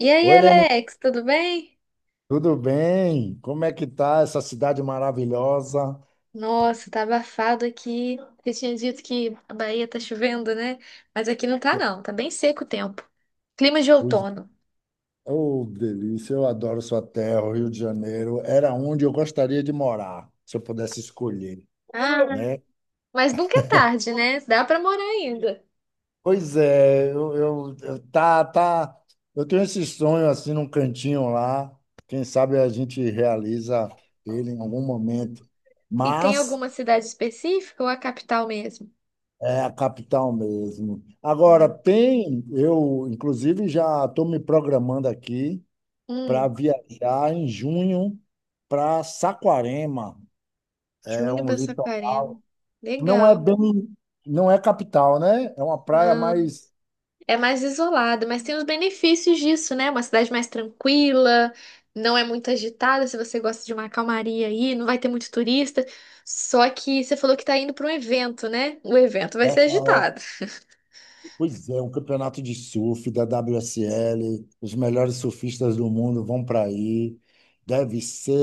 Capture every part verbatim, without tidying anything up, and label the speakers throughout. Speaker 1: E aí,
Speaker 2: Oi, Leni,
Speaker 1: Alex, tudo bem?
Speaker 2: tudo bem? Como é que tá essa cidade maravilhosa?
Speaker 1: Nossa, tá abafado aqui. Você tinha dito que a Bahia tá chovendo, né? Mas aqui não tá, não. Tá bem seco o tempo. Clima de
Speaker 2: Pois-
Speaker 1: outono.
Speaker 2: Oh, delícia, eu adoro sua terra, o Rio de Janeiro. Era onde eu gostaria de morar, se eu pudesse escolher,
Speaker 1: Ah,
Speaker 2: né?
Speaker 1: mas nunca é tarde, né? Dá pra morar ainda.
Speaker 2: Pois é, eu, eu, eu- tá, tá, eu tenho esse sonho assim num cantinho lá. Quem sabe a gente realiza ele em algum momento.
Speaker 1: E tem
Speaker 2: Mas
Speaker 1: alguma cidade específica ou a capital mesmo?
Speaker 2: é a capital mesmo. Agora
Speaker 1: Ah.
Speaker 2: tem, eu inclusive já estou me programando aqui para
Speaker 1: Hum,
Speaker 2: viajar em junho para Saquarema. É
Speaker 1: Júnior
Speaker 2: um
Speaker 1: para
Speaker 2: litoral.
Speaker 1: Saquarema.
Speaker 2: Não é
Speaker 1: Legal.
Speaker 2: bem, não é capital, né? É uma praia mais.
Speaker 1: É mais isolado, mas tem os benefícios disso, né? Uma cidade mais tranquila, não é muito agitada, se você gosta de uma calmaria aí, não vai ter muito turista. Só que você falou que tá indo para um evento, né? O evento vai ser
Speaker 2: É,
Speaker 1: agitado.
Speaker 2: pois é, um campeonato de surf da W S L. Os melhores surfistas do mundo vão para aí. Deve ser.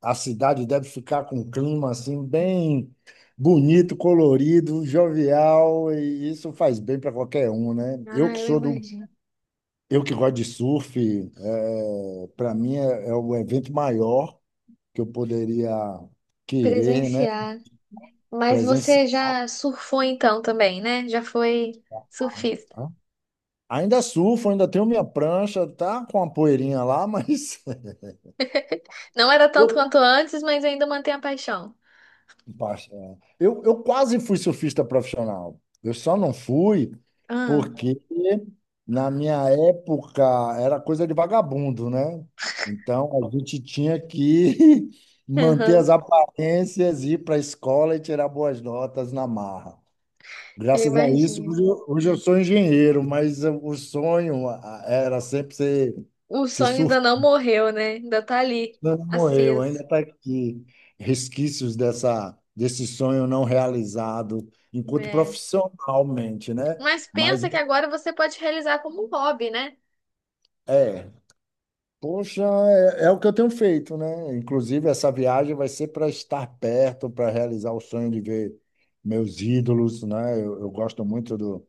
Speaker 2: A cidade deve ficar com um clima assim, bem bonito, colorido, jovial, e isso faz bem para qualquer um, né? Eu
Speaker 1: Ah,
Speaker 2: que
Speaker 1: eu
Speaker 2: sou do
Speaker 1: imagino.
Speaker 2: Eu que gosto de surf, é, para mim é, é o evento maior que eu poderia querer, né?
Speaker 1: Presenciar. Mas
Speaker 2: Presenciar.
Speaker 1: você já surfou então também, né? Já foi surfista.
Speaker 2: Ainda surfo, ainda tenho minha prancha, tá com a poeirinha lá, mas
Speaker 1: Não era tanto
Speaker 2: eu
Speaker 1: quanto antes, mas ainda mantém a paixão.
Speaker 2: Basta, é. Eu, eu quase fui surfista profissional. Eu só não fui
Speaker 1: Ah,
Speaker 2: porque na minha época era coisa de vagabundo, né? Então a gente tinha que manter
Speaker 1: aham,
Speaker 2: as aparências, ir para a escola e tirar boas notas na marra.
Speaker 1: eu
Speaker 2: Graças a isso, hoje
Speaker 1: imagino.
Speaker 2: eu hoje eu sou engenheiro, mas eu- o sonho ah, era sempre ser,
Speaker 1: O
Speaker 2: ser
Speaker 1: sonho ainda não morreu, né? Ainda tá ali,
Speaker 2: não morreu, ainda
Speaker 1: aceso.
Speaker 2: está aqui. Resquícios dessa, desse sonho não realizado, enquanto
Speaker 1: É.
Speaker 2: profissionalmente, né?
Speaker 1: Mas
Speaker 2: Mas
Speaker 1: pensa que agora você pode realizar como um hobby, né?
Speaker 2: é, poxa, é, é o que eu tenho feito, né? Inclusive, essa viagem vai ser para estar perto, para realizar o sonho de ver meus ídolos, né? Eu, eu gosto muito do,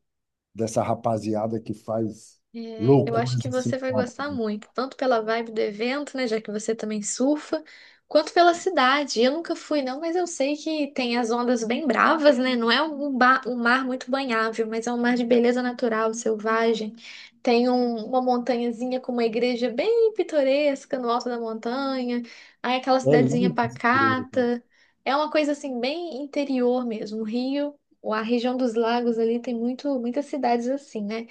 Speaker 2: dessa rapaziada que faz
Speaker 1: É, eu acho
Speaker 2: loucuras
Speaker 1: que
Speaker 2: assim.
Speaker 1: você vai
Speaker 2: com a-
Speaker 1: gostar muito, tanto pela vibe do evento, né, já que você também surfa, quanto pela cidade. Eu nunca fui, não, mas eu sei que tem as ondas bem bravas, né? Não é um, ba- um mar muito banhável, mas é um mar de beleza natural, selvagem. Tem um- uma montanhazinha com uma igreja bem pitoresca no alto da montanha. Aí aquela
Speaker 2: É
Speaker 1: cidadezinha
Speaker 2: lindo esse grupo.
Speaker 1: pacata. É uma coisa assim bem interior mesmo. O Rio, a região dos lagos ali tem muito, muitas cidades assim, né?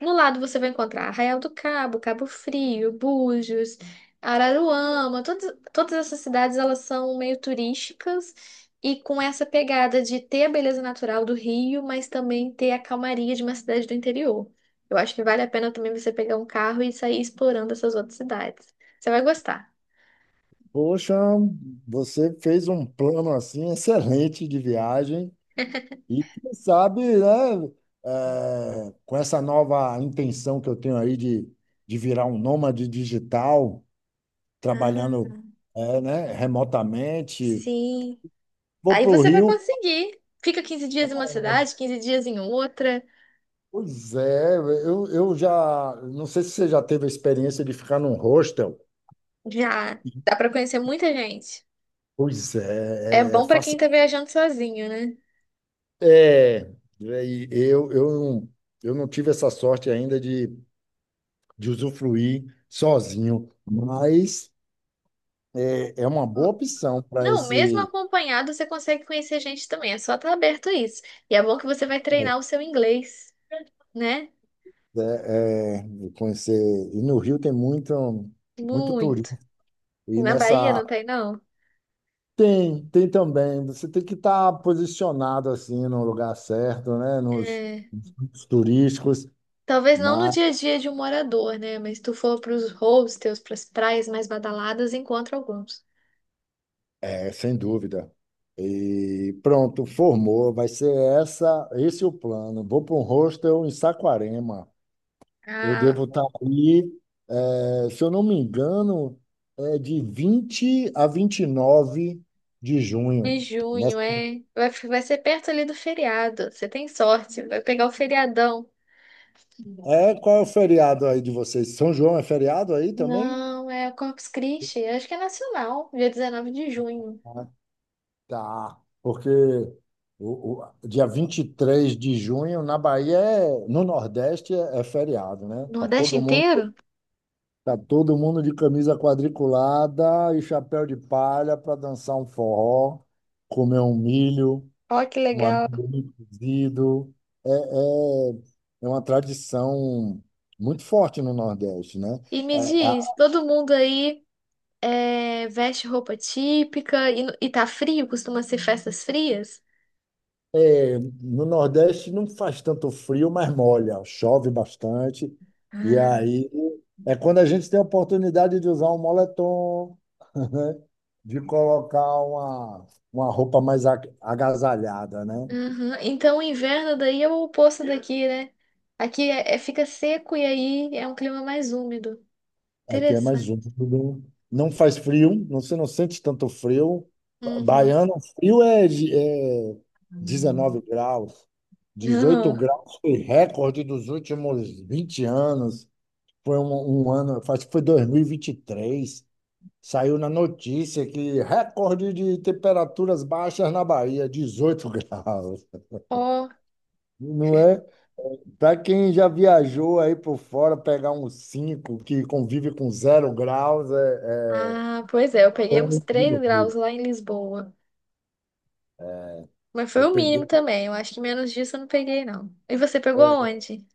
Speaker 1: No lado você vai encontrar Arraial do Cabo, Cabo Frio, Búzios, Araruama, todas, todas essas cidades elas são meio turísticas e com essa pegada de ter a beleza natural do Rio, mas também ter a calmaria de uma cidade do interior. Eu acho que vale a pena também você pegar um carro e sair explorando essas outras cidades. Você vai gostar.
Speaker 2: Poxa, você fez um plano assim excelente de viagem. E quem sabe, né, é, com essa nova intenção que eu tenho aí de, de virar um nômade digital,
Speaker 1: Ah,
Speaker 2: trabalhando, é, né, remotamente,
Speaker 1: sim.
Speaker 2: vou
Speaker 1: Aí
Speaker 2: para o
Speaker 1: você vai
Speaker 2: Rio.
Speaker 1: conseguir. Fica quinze dias em uma cidade, quinze dias em outra.
Speaker 2: Pois é, eu, eu já. Não sei se você já teve a experiência de ficar num hostel.
Speaker 1: Já dá para conhecer muita gente.
Speaker 2: Pois
Speaker 1: É
Speaker 2: é, é,
Speaker 1: bom pra quem
Speaker 2: faça,
Speaker 1: tá viajando sozinho, né?
Speaker 2: é, é, e eu, eu, não- eu não tive essa sorte ainda de, de usufruir sozinho, mas é, é uma boa opção para
Speaker 1: Não, mesmo
Speaker 2: esse.
Speaker 1: acompanhado, você consegue conhecer gente também. É só estar aberto a isso. E é bom que você vai treinar o seu inglês, né?
Speaker 2: É, é, eu conhecer. E no Rio tem muito, muito
Speaker 1: Muito.
Speaker 2: turismo. E
Speaker 1: Na Bahia
Speaker 2: nessa.
Speaker 1: não tem, não?
Speaker 2: Tem, tem também. Você tem que estar posicionado assim no lugar certo, né? Nos,
Speaker 1: É.
Speaker 2: nos turísticos,
Speaker 1: Talvez não no
Speaker 2: mas
Speaker 1: dia a dia de um morador, né? Mas se tu for pros hostels, pras praias mais badaladas, encontra alguns.
Speaker 2: é, sem dúvida. E pronto, formou. Vai ser essa, esse é o plano. Vou para um hostel em Saquarema. Eu devo
Speaker 1: Ah,
Speaker 2: estar ali, é, se eu não me engano, é de vinte a vinte e nove de
Speaker 1: em
Speaker 2: junho. Né?
Speaker 1: junho, é. Vai, vai ser perto ali do feriado. Você tem sorte, vai pegar o feriadão.
Speaker 2: É, qual é o feriado aí de vocês? São João é feriado aí também?
Speaker 1: Não, é o Corpus Christi. Acho que é nacional, dia dezenove de junho.
Speaker 2: Ah, tá. Porque o, o dia vinte e três de junho na Bahia, é- no Nordeste, é, é feriado, né? Tá
Speaker 1: Nordeste
Speaker 2: todo mundo,
Speaker 1: inteiro?
Speaker 2: tá todo mundo de camisa quadriculada e chapéu de palha para dançar um forró, comer um milho,
Speaker 1: Ó, que
Speaker 2: um
Speaker 1: legal.
Speaker 2: amendoim cozido. É, é, é uma tradição muito forte no Nordeste, né?
Speaker 1: E me
Speaker 2: É,
Speaker 1: diz, todo mundo aí é, veste roupa típica e, no- e tá frio? Costuma ser festas frias?
Speaker 2: É, no Nordeste não faz tanto frio, mas molha, chove bastante. E
Speaker 1: Ah.
Speaker 2: aí é quando a gente tem a oportunidade de usar um moletom, né? De colocar uma, uma roupa mais a- agasalhada, né?
Speaker 1: Uhum. Então, o inverno daí é o oposto daqui, né? Aqui é, é- fica seco e aí é um clima mais úmido.
Speaker 2: Aqui é mais
Speaker 1: Interessante.
Speaker 2: úmido. Não faz frio, não, você não sente tanto frio. Ba-
Speaker 1: Uhum.
Speaker 2: Baiano, frio é, de- é 19 graus, dezoito
Speaker 1: Uhum.
Speaker 2: graus foi recorde dos últimos vinte anos. Foi um, um ano, acho que foi dois mil e vinte e três, saiu na notícia que recorde de temperaturas baixas na Bahia, dezoito graus graus.
Speaker 1: Ó,
Speaker 2: Não é? Para quem já viajou aí por fora, pegar uns cinco que convive com zero graus, é, é...
Speaker 1: ah, pois é, eu peguei
Speaker 2: Eu
Speaker 1: uns
Speaker 2: não
Speaker 1: três graus
Speaker 2: vi.
Speaker 1: lá em Lisboa. Mas foi
Speaker 2: Eu
Speaker 1: o mínimo
Speaker 2: peguei,
Speaker 1: também. Eu acho que menos disso eu não peguei, não. E você pegou
Speaker 2: é,
Speaker 1: onde?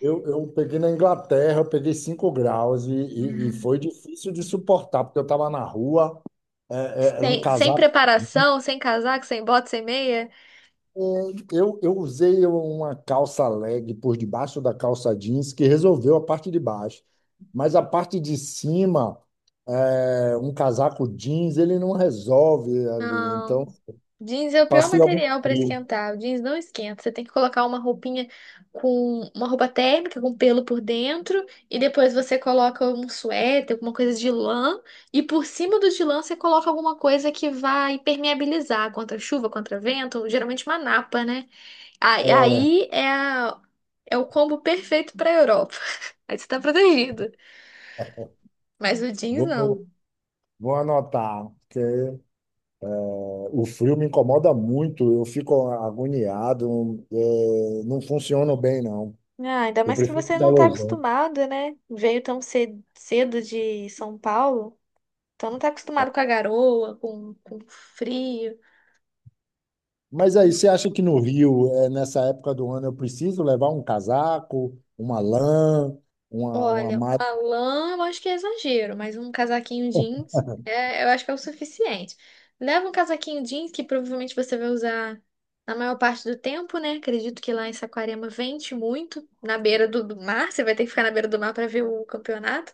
Speaker 2: eu, eu peguei na Inglaterra, eu peguei cinco graus e, e, e
Speaker 1: Hum.
Speaker 2: foi difícil de suportar, porque eu estava na rua, é, é, era um
Speaker 1: Sem, sem
Speaker 2: casaco.
Speaker 1: preparação, sem casaco, sem bota, sem meia?
Speaker 2: É, Eu, eu usei uma calça leg por debaixo da calça jeans que resolveu a parte de baixo, mas a parte de cima, é, um casaco jeans, ele não resolve ali.
Speaker 1: Não.
Speaker 2: Então,
Speaker 1: Jeans é o pior
Speaker 2: passei algum
Speaker 1: material para
Speaker 2: frio.
Speaker 1: esquentar. O jeans não esquenta. Você tem que colocar uma roupinha com uma roupa térmica com pelo por dentro e depois você coloca um suéter, alguma coisa de lã e por cima do de lã você coloca alguma coisa que vai impermeabilizar contra chuva, contra vento, geralmente uma napa, né? Aí,
Speaker 2: É,
Speaker 1: aí é, a- é o combo perfeito pra Europa. Aí você tá protegido. Mas o jeans não.
Speaker 2: vou, vou anotar, porque eh, o frio me incomoda muito, eu fico agoniado, é, não funciono bem, não.
Speaker 1: Ah, ainda
Speaker 2: Eu
Speaker 1: mais que
Speaker 2: prefiro
Speaker 1: você não tá
Speaker 2: calor.
Speaker 1: acostumado, né? Veio tão cedo, cedo de São Paulo, então não tá acostumado com a garoa, com, com frio.
Speaker 2: Mas aí, você acha que no Rio, eh, nessa época do ano, eu preciso levar um casaco, uma lã, uma, uma
Speaker 1: Olha,
Speaker 2: malha?
Speaker 1: a lã eu acho que é exagero, mas um casaquinho jeans é, eu acho que é o suficiente. Leva um casaquinho jeans que provavelmente você vai usar na maior parte do tempo, né? Acredito que lá em Saquarema vente muito, na beira do, do mar, você vai ter que ficar na beira do mar para ver o campeonato.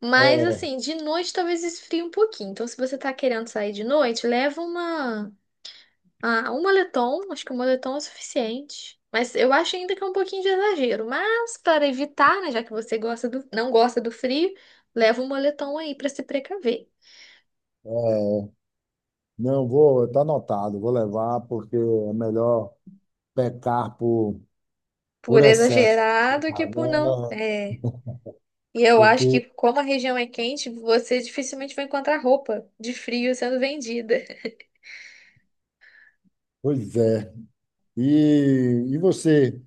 Speaker 1: Mas
Speaker 2: É,
Speaker 1: assim, de noite talvez esfrie um pouquinho. Então, se você tá querendo sair de noite, leva uma ah, um moletom, acho que um moletom é suficiente. Mas eu acho ainda que é um pouquinho de exagero. Mas para evitar, né, já que você gosta do, não gosta do frio, leva um moletom aí para se precaver.
Speaker 2: é. Não, vou, tá anotado, vou levar, porque é melhor pecar por, por
Speaker 1: Por é.
Speaker 2: excesso.
Speaker 1: Exagerado que por não.
Speaker 2: Agora,
Speaker 1: É. E eu acho que
Speaker 2: porque,
Speaker 1: como a região é quente, você dificilmente vai encontrar roupa de frio sendo vendida.
Speaker 2: pois é. E, e você,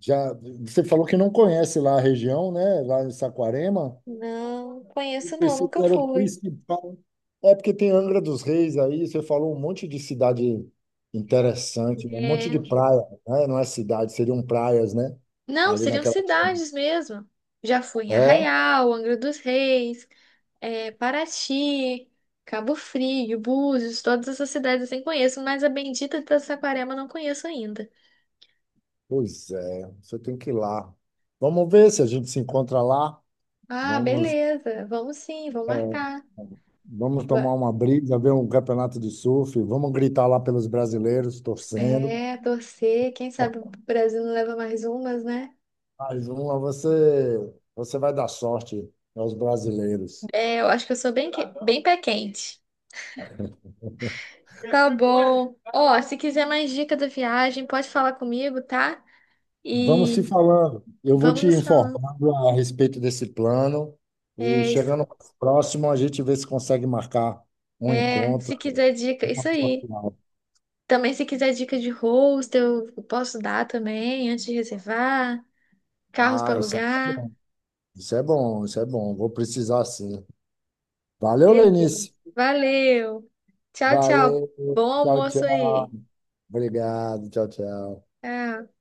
Speaker 2: já, você falou que não conhece lá a região, né? Lá em Saquarema.
Speaker 1: Não conheço não,
Speaker 2: Pensei que
Speaker 1: nunca
Speaker 2: era o
Speaker 1: fui.
Speaker 2: principal. É porque tem Angra dos Reis aí, você falou um monte de cidade interessante, né? Um
Speaker 1: É.
Speaker 2: monte de praia, né? Não é cidade, seriam praias, né?
Speaker 1: Não,
Speaker 2: Ali
Speaker 1: seriam
Speaker 2: naquela.
Speaker 1: cidades mesmo. Já fui em
Speaker 2: É?
Speaker 1: Arraial, Angra dos Reis. É, Paraty, Cabo Frio, Búzios, todas essas cidades assim conheço, mas a bendita de Saquarema eu não conheço ainda.
Speaker 2: Pois é, você tem que ir lá. Vamos ver se a gente se encontra lá.
Speaker 1: Ah,
Speaker 2: Vamos,
Speaker 1: beleza, vamos sim, vou
Speaker 2: é,
Speaker 1: marcar.
Speaker 2: vamos
Speaker 1: Va-
Speaker 2: tomar uma brisa, ver um campeonato de surf, vamos gritar lá pelos brasileiros, torcendo.
Speaker 1: É, torcer, quem sabe o Brasil não leva mais umas, né?
Speaker 2: Mas vamos você, você vai dar sorte aos brasileiros.
Speaker 1: É, eu acho que eu sou bem, que- bem pé quente. Tá bom. Ó, se quiser mais dica da viagem, pode falar comigo, tá?
Speaker 2: Vamos se
Speaker 1: E
Speaker 2: falando. Eu vou
Speaker 1: vamos
Speaker 2: te
Speaker 1: nos falando.
Speaker 2: informando a respeito desse plano e
Speaker 1: É,
Speaker 2: chegando
Speaker 1: isso-
Speaker 2: mais próximo, a gente vê se consegue marcar um
Speaker 1: é, se
Speaker 2: encontro.
Speaker 1: quiser dica,
Speaker 2: Uma
Speaker 1: isso
Speaker 2: foto
Speaker 1: aí.
Speaker 2: lá.
Speaker 1: Também, se quiser dica de hostel, eu posso dar também, antes de reservar. Carros para
Speaker 2: Ah, isso é
Speaker 1: alugar.
Speaker 2: bom, isso é bom, isso é bom. Vou precisar sim. Valeu,
Speaker 1: Beleza.
Speaker 2: Lenice.
Speaker 1: Valeu. Tchau, tchau.
Speaker 2: Valeu,
Speaker 1: Bom
Speaker 2: tchau,
Speaker 1: almoço
Speaker 2: tchau.
Speaker 1: aí.
Speaker 2: Obrigado, tchau, tchau.
Speaker 1: Tchau.